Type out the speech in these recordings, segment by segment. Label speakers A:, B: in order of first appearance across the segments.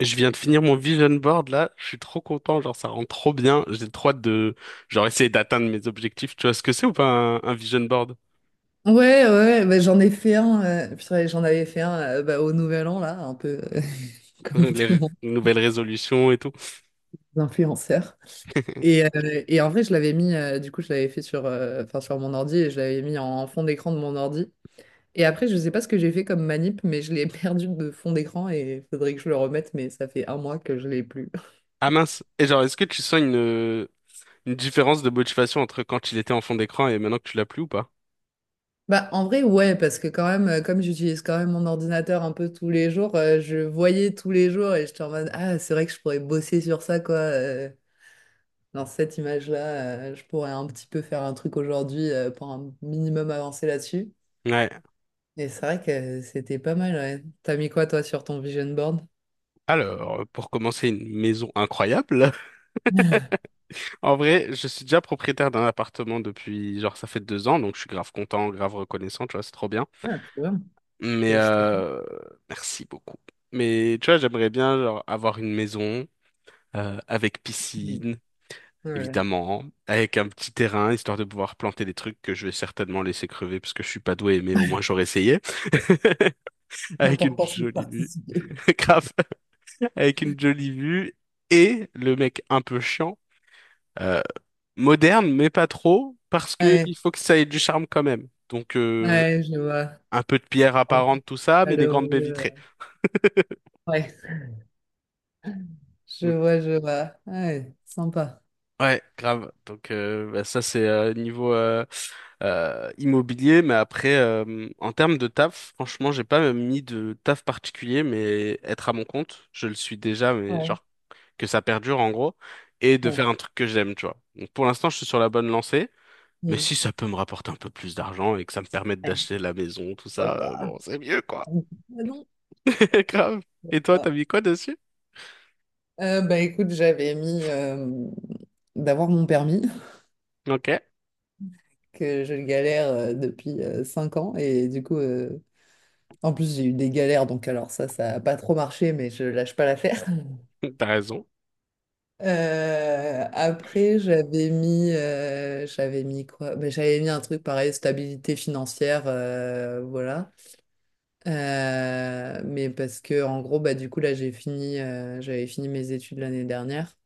A: Je viens de finir mon vision board là, je suis trop content, genre ça rend trop bien, j'ai trop hâte de genre essayer d'atteindre mes objectifs. Tu vois ce que c'est ou pas un vision board?
B: Ouais, ouais, bah, j'en ai fait un. Purée, j'en avais fait un bah, au Nouvel An, là, un peu comme tout le monde,
A: Nouvelles résolutions et tout.
B: les influenceurs. Et, en vrai, je l'avais mis, du coup, je l'avais fait sur, enfin, sur mon ordi et je l'avais mis en fond d'écran de mon ordi. Et après, je sais pas ce que j'ai fait comme manip, mais je l'ai perdu de fond d'écran et faudrait que je le remette, mais ça fait un mois que je l'ai plus.
A: Ah mince. Et genre est-ce que tu sens une différence de motivation entre quand il était en fond d'écran et maintenant que tu l'as plus ou pas?
B: Bah, en vrai, ouais, parce que quand même, comme j'utilise quand même mon ordinateur un peu tous les jours, je voyais tous les jours et j'étais en mode, ah, c'est vrai que je pourrais bosser sur ça, quoi. Dans cette image-là, je pourrais un petit peu faire un truc aujourd'hui pour un minimum avancer là-dessus.
A: Ouais.
B: Et c'est vrai que c'était pas mal, ouais. T'as mis quoi, toi, sur ton vision board?
A: Alors, pour commencer, une maison incroyable. En vrai, je suis déjà propriétaire d'un appartement depuis, genre, ça fait 2 ans, donc je suis grave content, grave reconnaissant, tu vois, c'est trop bien.
B: Ah, trop bien.
A: Mais
B: Félicitations.
A: merci beaucoup. Mais tu vois, j'aimerais bien genre, avoir une maison avec
B: Mm.
A: piscine,
B: Ouais.
A: évidemment, avec un petit terrain, histoire de pouvoir planter des trucs que je vais certainement laisser crever parce que je suis pas doué, mais au moins j'aurais essayé. Avec une
B: L'important, c'est de
A: jolie vue,
B: participer.
A: grave, avec une jolie vue et le mec un peu chiant, euh, moderne mais pas trop, parce que il
B: Ouais,
A: faut que ça ait du charme quand même. Donc
B: ouais, je vois.
A: un peu de
B: C'est
A: pierre
B: sympa.
A: apparente, tout ça, mais des
B: Allô,
A: grandes baies
B: euh,
A: vitrées.
B: ouais, je vois, je vois. Ouais, sympa.
A: Ouais, grave. Donc ça c'est niveau immobilier, mais après en termes de taf, franchement j'ai pas mis de taf particulier, mais être à mon compte, je le suis déjà, mais
B: Ouais.
A: genre que ça perdure en gros, et de
B: Ouais.
A: faire un truc que j'aime, tu vois. Donc pour l'instant je suis sur la bonne lancée, mais
B: Mm.
A: si ça peut me rapporter un peu plus d'argent et que ça me permette
B: Ouais.
A: d'acheter la maison, tout
B: Hop
A: ça,
B: là.
A: bon c'est mieux quoi.
B: Ah non.
A: Grave. Et toi t'as
B: Ah.
A: mis quoi dessus?
B: Bah écoute, j'avais mis d'avoir mon permis.
A: Ok,
B: Que je galère depuis 5 ans. Et du coup, en plus, j'ai eu des galères, donc alors ça n'a pas trop marché, mais je lâche pas l'affaire.
A: t'as raison.
B: Après, j'avais mis quoi? Ben, j'avais mis un truc pareil, stabilité financière, voilà. Mais parce que en gros, bah du coup là, j'avais fini mes études l'année dernière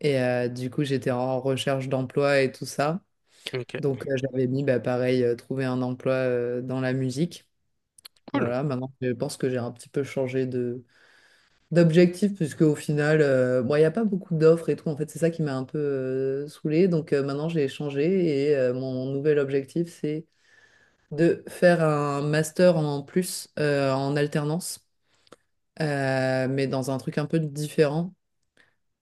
B: et du coup, j'étais en recherche d'emploi et tout ça.
A: Ok,
B: Donc, j'avais mis, bah pareil, trouver un emploi dans la musique.
A: cool.
B: Voilà, maintenant je pense que j'ai un petit peu changé de d'objectif puisque au final, bon, il n'y a pas beaucoup d'offres et tout. En fait, c'est ça qui m'a un peu saoulée. Donc maintenant, j'ai changé et mon nouvel objectif, c'est de faire un master en plus en alternance, mais dans un truc un peu différent.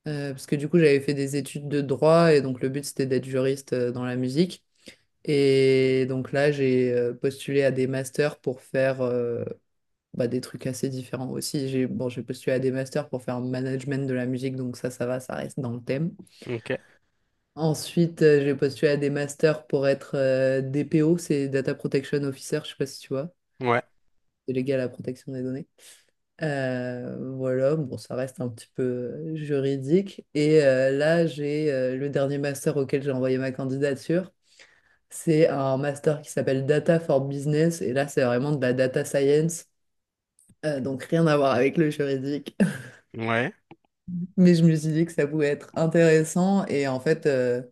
B: Parce que du coup, j'avais fait des études de droit et donc le but, c'était d'être juriste dans la musique. Et donc là, j'ai postulé à des masters pour faire... bah, des trucs assez différents aussi. J'ai bon, j'ai postulé à des masters pour faire management de la musique, donc ça va, ça reste dans le thème.
A: Ok,
B: Ensuite, j'ai postulé à des masters pour être DPO, c'est Data Protection Officer, je sais pas si tu vois,
A: ouais,
B: délégué à la protection des données. Voilà, bon, ça reste un petit peu juridique. Et là, j'ai le dernier master auquel j'ai envoyé ma candidature. C'est un master qui s'appelle Data for Business. Et là, c'est vraiment de la data science. Donc, rien à voir avec le juridique.
A: ouais,
B: Mais je me suis dit que ça pouvait être intéressant et en fait,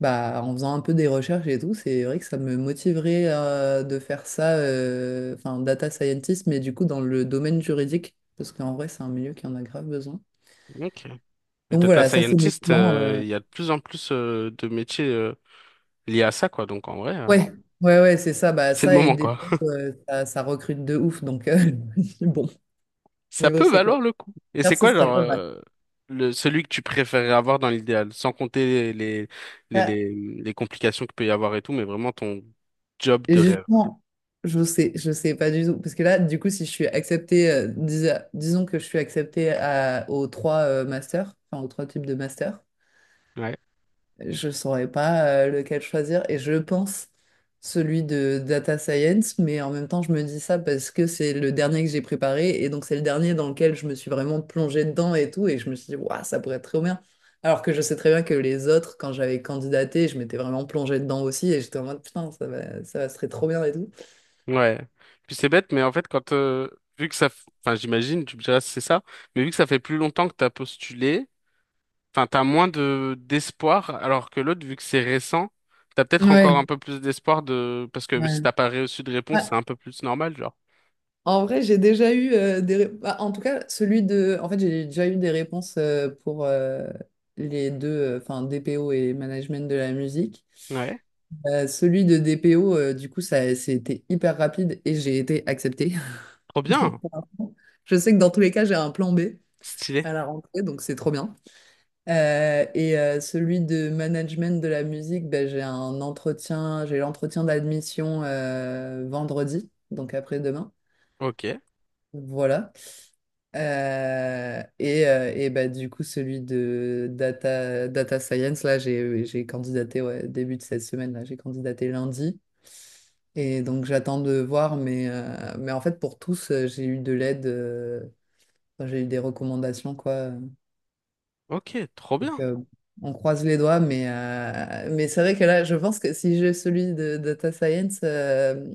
B: bah, en faisant un peu des recherches et tout, c'est vrai que ça me motiverait de faire ça, enfin, data scientist, mais du coup dans le domaine juridique, parce qu'en vrai, c'est un milieu qui en a grave besoin.
A: ok. Les
B: Donc
A: data
B: voilà, ça c'est mes
A: scientists,
B: plans.
A: il y a de plus en plus de métiers liés à ça, quoi. Donc en vrai,
B: Ouais, ouais, ouais, c'est ça, bah,
A: c'est le
B: ça et
A: moment,
B: des
A: quoi.
B: ça, ça recrute de ouf, donc je me dis, bon,
A: Ça
B: niveau
A: peut valoir le
B: sécuritaire,
A: coup. Et c'est
B: ce
A: quoi,
B: sera
A: genre,
B: pas mal.
A: le, celui que tu préférerais avoir dans l'idéal, sans compter les, les,
B: Ouais.
A: les, les complications qu'il peut y avoir et tout, mais vraiment ton job
B: Et
A: de rêve.
B: justement, je sais pas du tout. Parce que là, du coup, si je suis acceptée, disons que je suis acceptée aux trois masters, enfin aux trois types de masters,
A: Ouais.
B: je saurais pas lequel choisir. Et je pense celui de data science, mais en même temps, je me dis ça parce que c'est le dernier que j'ai préparé. Et donc, c'est le dernier dans lequel je me suis vraiment plongée dedans et tout. Et je me suis dit, waouh, ça pourrait être trop bien. Alors que je sais très bien que les autres, quand j'avais candidaté, je m'étais vraiment plongée dedans aussi. Et j'étais en mode, putain, ça va, ce serait trop bien et tout.
A: Ouais. Puis c'est bête, mais en fait, quand, vu que ça, enfin, j'imagine, tu me diras si c'est ça, mais vu que ça fait plus longtemps que t'as postulé, enfin, t'as moins de d'espoir, alors que l'autre, vu que c'est récent, t'as peut-être encore un
B: Ouais,
A: peu plus d'espoir de... Parce que si
B: ouais.
A: t'as pas reçu de réponse, c'est
B: Ouais.
A: un peu plus normal, genre.
B: En vrai, j'ai déjà eu des... bah, en tout cas, celui de... En fait, j'ai déjà eu des réponses pour les deux, enfin, DPO et management de la musique.
A: Ouais.
B: Celui de DPO, du coup, ça, c'était hyper rapide et j'ai été acceptée.
A: Trop
B: Donc,
A: bien.
B: pour l'instant, je sais que dans tous les cas, j'ai un plan B
A: Stylé.
B: à la rentrée, donc c'est trop bien. Celui de management de la musique, ben, j'ai un entretien, j'ai l'entretien d'admission vendredi, donc après-demain.
A: Ok.
B: Voilà. Bah, du coup, celui de data science, là, j'ai candidaté ouais, début de cette semaine, là, j'ai candidaté lundi. Et donc, j'attends de voir, mais en fait, pour tous, j'ai eu de l'aide, enfin, j'ai eu des recommandations, quoi.
A: Ok, trop
B: Donc,
A: bien.
B: on croise les doigts, mais c'est vrai que là, je pense que si j'ai celui de data science, je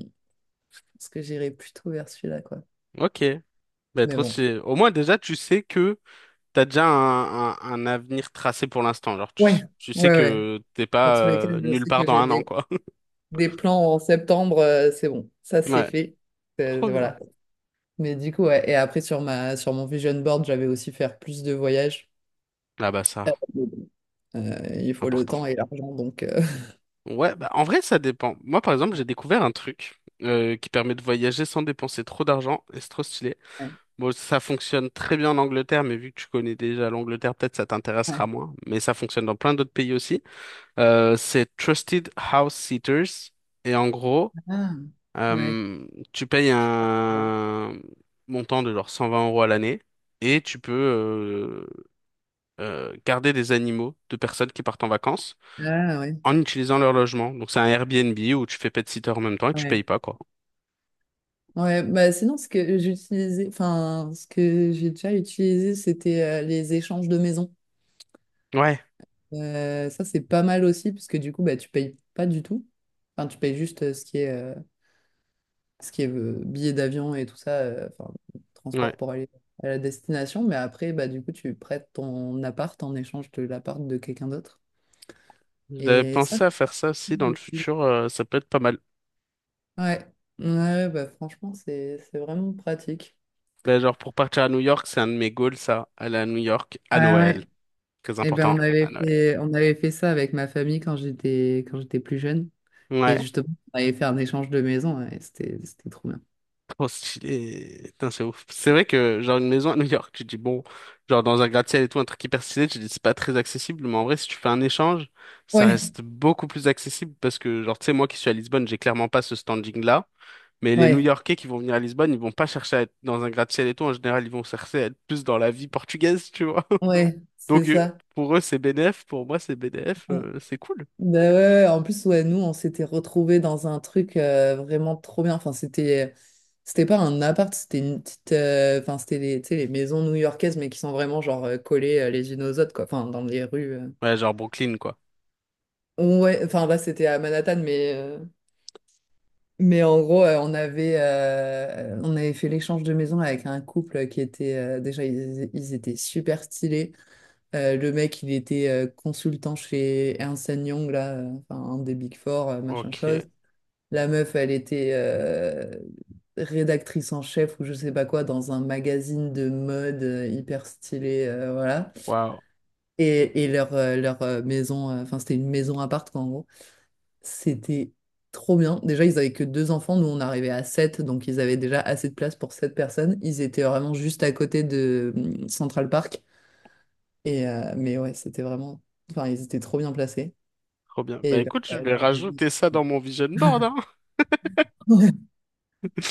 B: que j'irai plutôt vers celui-là, quoi.
A: Ok. Bah,
B: Mais
A: trop
B: bon.
A: stylé. Au moins, déjà, tu sais que t'as déjà un avenir tracé pour l'instant. Genre,
B: Ouais.
A: tu sais
B: Ouais, ouais.
A: que t'es
B: Dans
A: pas
B: tous les cas, je
A: nulle
B: sais
A: part
B: que
A: dans
B: j'ai
A: 1 an, quoi.
B: des plans en septembre, c'est bon, ça c'est
A: Ouais.
B: fait.
A: Trop bien.
B: Voilà. Mais du coup, ouais. Et après, sur mon vision board, j'avais aussi faire plus de voyages.
A: Ah bah ça,
B: Mais bon, il faut le
A: important.
B: temps et l'argent, donc.
A: Ouais, bah, en vrai, ça dépend. Moi, par exemple, j'ai découvert un truc qui permet de voyager sans dépenser trop d'argent et c'est trop stylé. Bon, ça fonctionne très bien en Angleterre, mais vu que tu connais déjà l'Angleterre, peut-être ça t'intéressera
B: Ouais.
A: moins. Mais ça fonctionne dans plein d'autres pays aussi. C'est Trusted House Sitters. Et en gros,
B: Ouais. Ah, ouais.
A: euh, tu payes un montant de genre 120 euros à l'année et tu peux garder des animaux de personnes qui partent en vacances
B: Ah, ouais.
A: en utilisant leur logement. Donc c'est un Airbnb où tu fais pet-sitter en même temps et tu
B: Ouais.
A: payes pas, quoi.
B: Ouais, bah sinon, ce que j'utilisais, enfin, ce que j'ai déjà utilisé, c'était les échanges de maisons.
A: Ouais,
B: Ça, c'est pas mal aussi, parce que du coup, bah, tu payes pas du tout. Enfin, tu payes juste ce qui est billets d'avion et tout ça, enfin,
A: ouais.
B: transport pour aller à la destination. Mais après, bah, du coup, tu prêtes ton appart en échange de l'appart de quelqu'un d'autre.
A: J'avais
B: Et ça,
A: pensé à faire ça aussi dans le
B: c'est-
A: futur, ça peut être pas mal.
B: ouais, ouais, bah, franchement, c'est vraiment pratique.
A: Ben, genre pour partir à New York, c'est un de mes goals, ça. Aller à New York à
B: Ah
A: Noël.
B: ouais.
A: Très
B: Et ben,
A: important, à Noël.
B: on avait fait ça avec ma famille quand j'étais plus jeune. Et
A: Ouais.
B: justement, on avait fait un échange de maison. Et c'était trop bien.
A: Trop stylé. Putain, c'est ouf. C'est vrai que, genre, une maison à New York, tu te dis, bon, genre, dans un gratte-ciel et tout, un truc hyper stylé, tu te dis, c'est pas très accessible, mais en vrai, si tu fais un échange, ça
B: Ouais,
A: reste beaucoup plus accessible parce que, genre, tu sais, moi qui suis à Lisbonne, j'ai clairement pas ce standing-là, mais les
B: ouais,
A: New-Yorkais qui vont venir à Lisbonne, ils vont pas chercher à être dans un gratte-ciel et tout, en général, ils vont chercher à être plus dans la vie portugaise, tu vois.
B: ouais, c'est
A: Donc,
B: ça.
A: pour eux, c'est BDF, pour moi, c'est BDF, c'est cool.
B: Ben ouais, ouais. Ouais. En plus, ouais, nous, on s'était retrouvés dans un truc vraiment trop bien. Enfin, c'était pas un appart, c'était une petite, enfin, c'était les, tu sais, les maisons new-yorkaises, mais qui sont vraiment genre collées les unes aux autres, quoi. Enfin, dans les rues.
A: Ouais, genre Brooklyn, quoi.
B: Ouais, enfin là, c'était à Manhattan, mais en gros, on avait fait l'échange de maison avec un couple qui était, déjà, ils étaient super stylés. Le mec, il était consultant chez Ernst Young, là, enfin, un des Big Four, machin
A: Ok.
B: chose. La meuf, elle était rédactrice en chef ou je sais pas quoi dans un magazine de mode hyper stylé, voilà.
A: Waouh.
B: Et leur, maison, enfin c'était une maison à quoi en gros. C'était trop bien. Déjà, ils avaient que deux enfants, nous on arrivait à sept, donc ils avaient déjà assez de place pour sept personnes. Ils étaient vraiment juste à côté de Central Park. Et, mais ouais, c'était vraiment... Enfin, ils étaient trop bien placés.
A: Trop bien. Bah
B: Et leur,
A: écoute, je vais rajouter ça dans mon vision board, hein.
B: leur...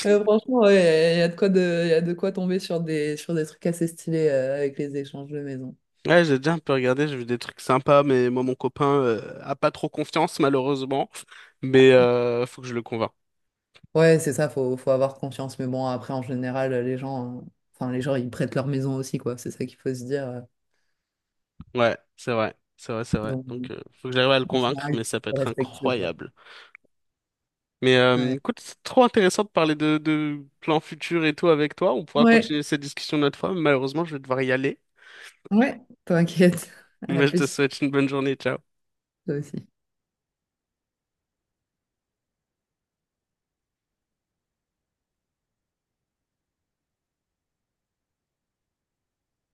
B: Franchement, ouais, il y, a y a de quoi de, y a de quoi tomber sur des trucs assez stylés avec les échanges de maison.
A: Ouais, j'ai déjà un peu regardé, j'ai vu des trucs sympas, mais moi, mon copain, a pas trop confiance, malheureusement. Mais faut que je le convainc.
B: Ouais, c'est ça, faut avoir confiance. Mais bon, après, en général, les gens, enfin, les gens, ils prêtent leur maison aussi, quoi. C'est ça qu'il faut se dire.
A: Ouais, c'est vrai, c'est vrai, c'est vrai.
B: Donc,
A: Donc, faut que j'arrive à le
B: en
A: convaincre,
B: général, ils
A: mais ça peut
B: sont
A: être
B: respectueux, quoi.
A: incroyable. Mais
B: Ouais,
A: écoute, c'est trop intéressant de parler de plans futurs et tout avec toi. On pourra
B: ouais,
A: continuer cette discussion une autre fois, mais malheureusement, je vais devoir y aller.
B: ouais, t'inquiète. À
A: Mais je te
B: plus,
A: souhaite une bonne journée. Ciao.
B: toi aussi.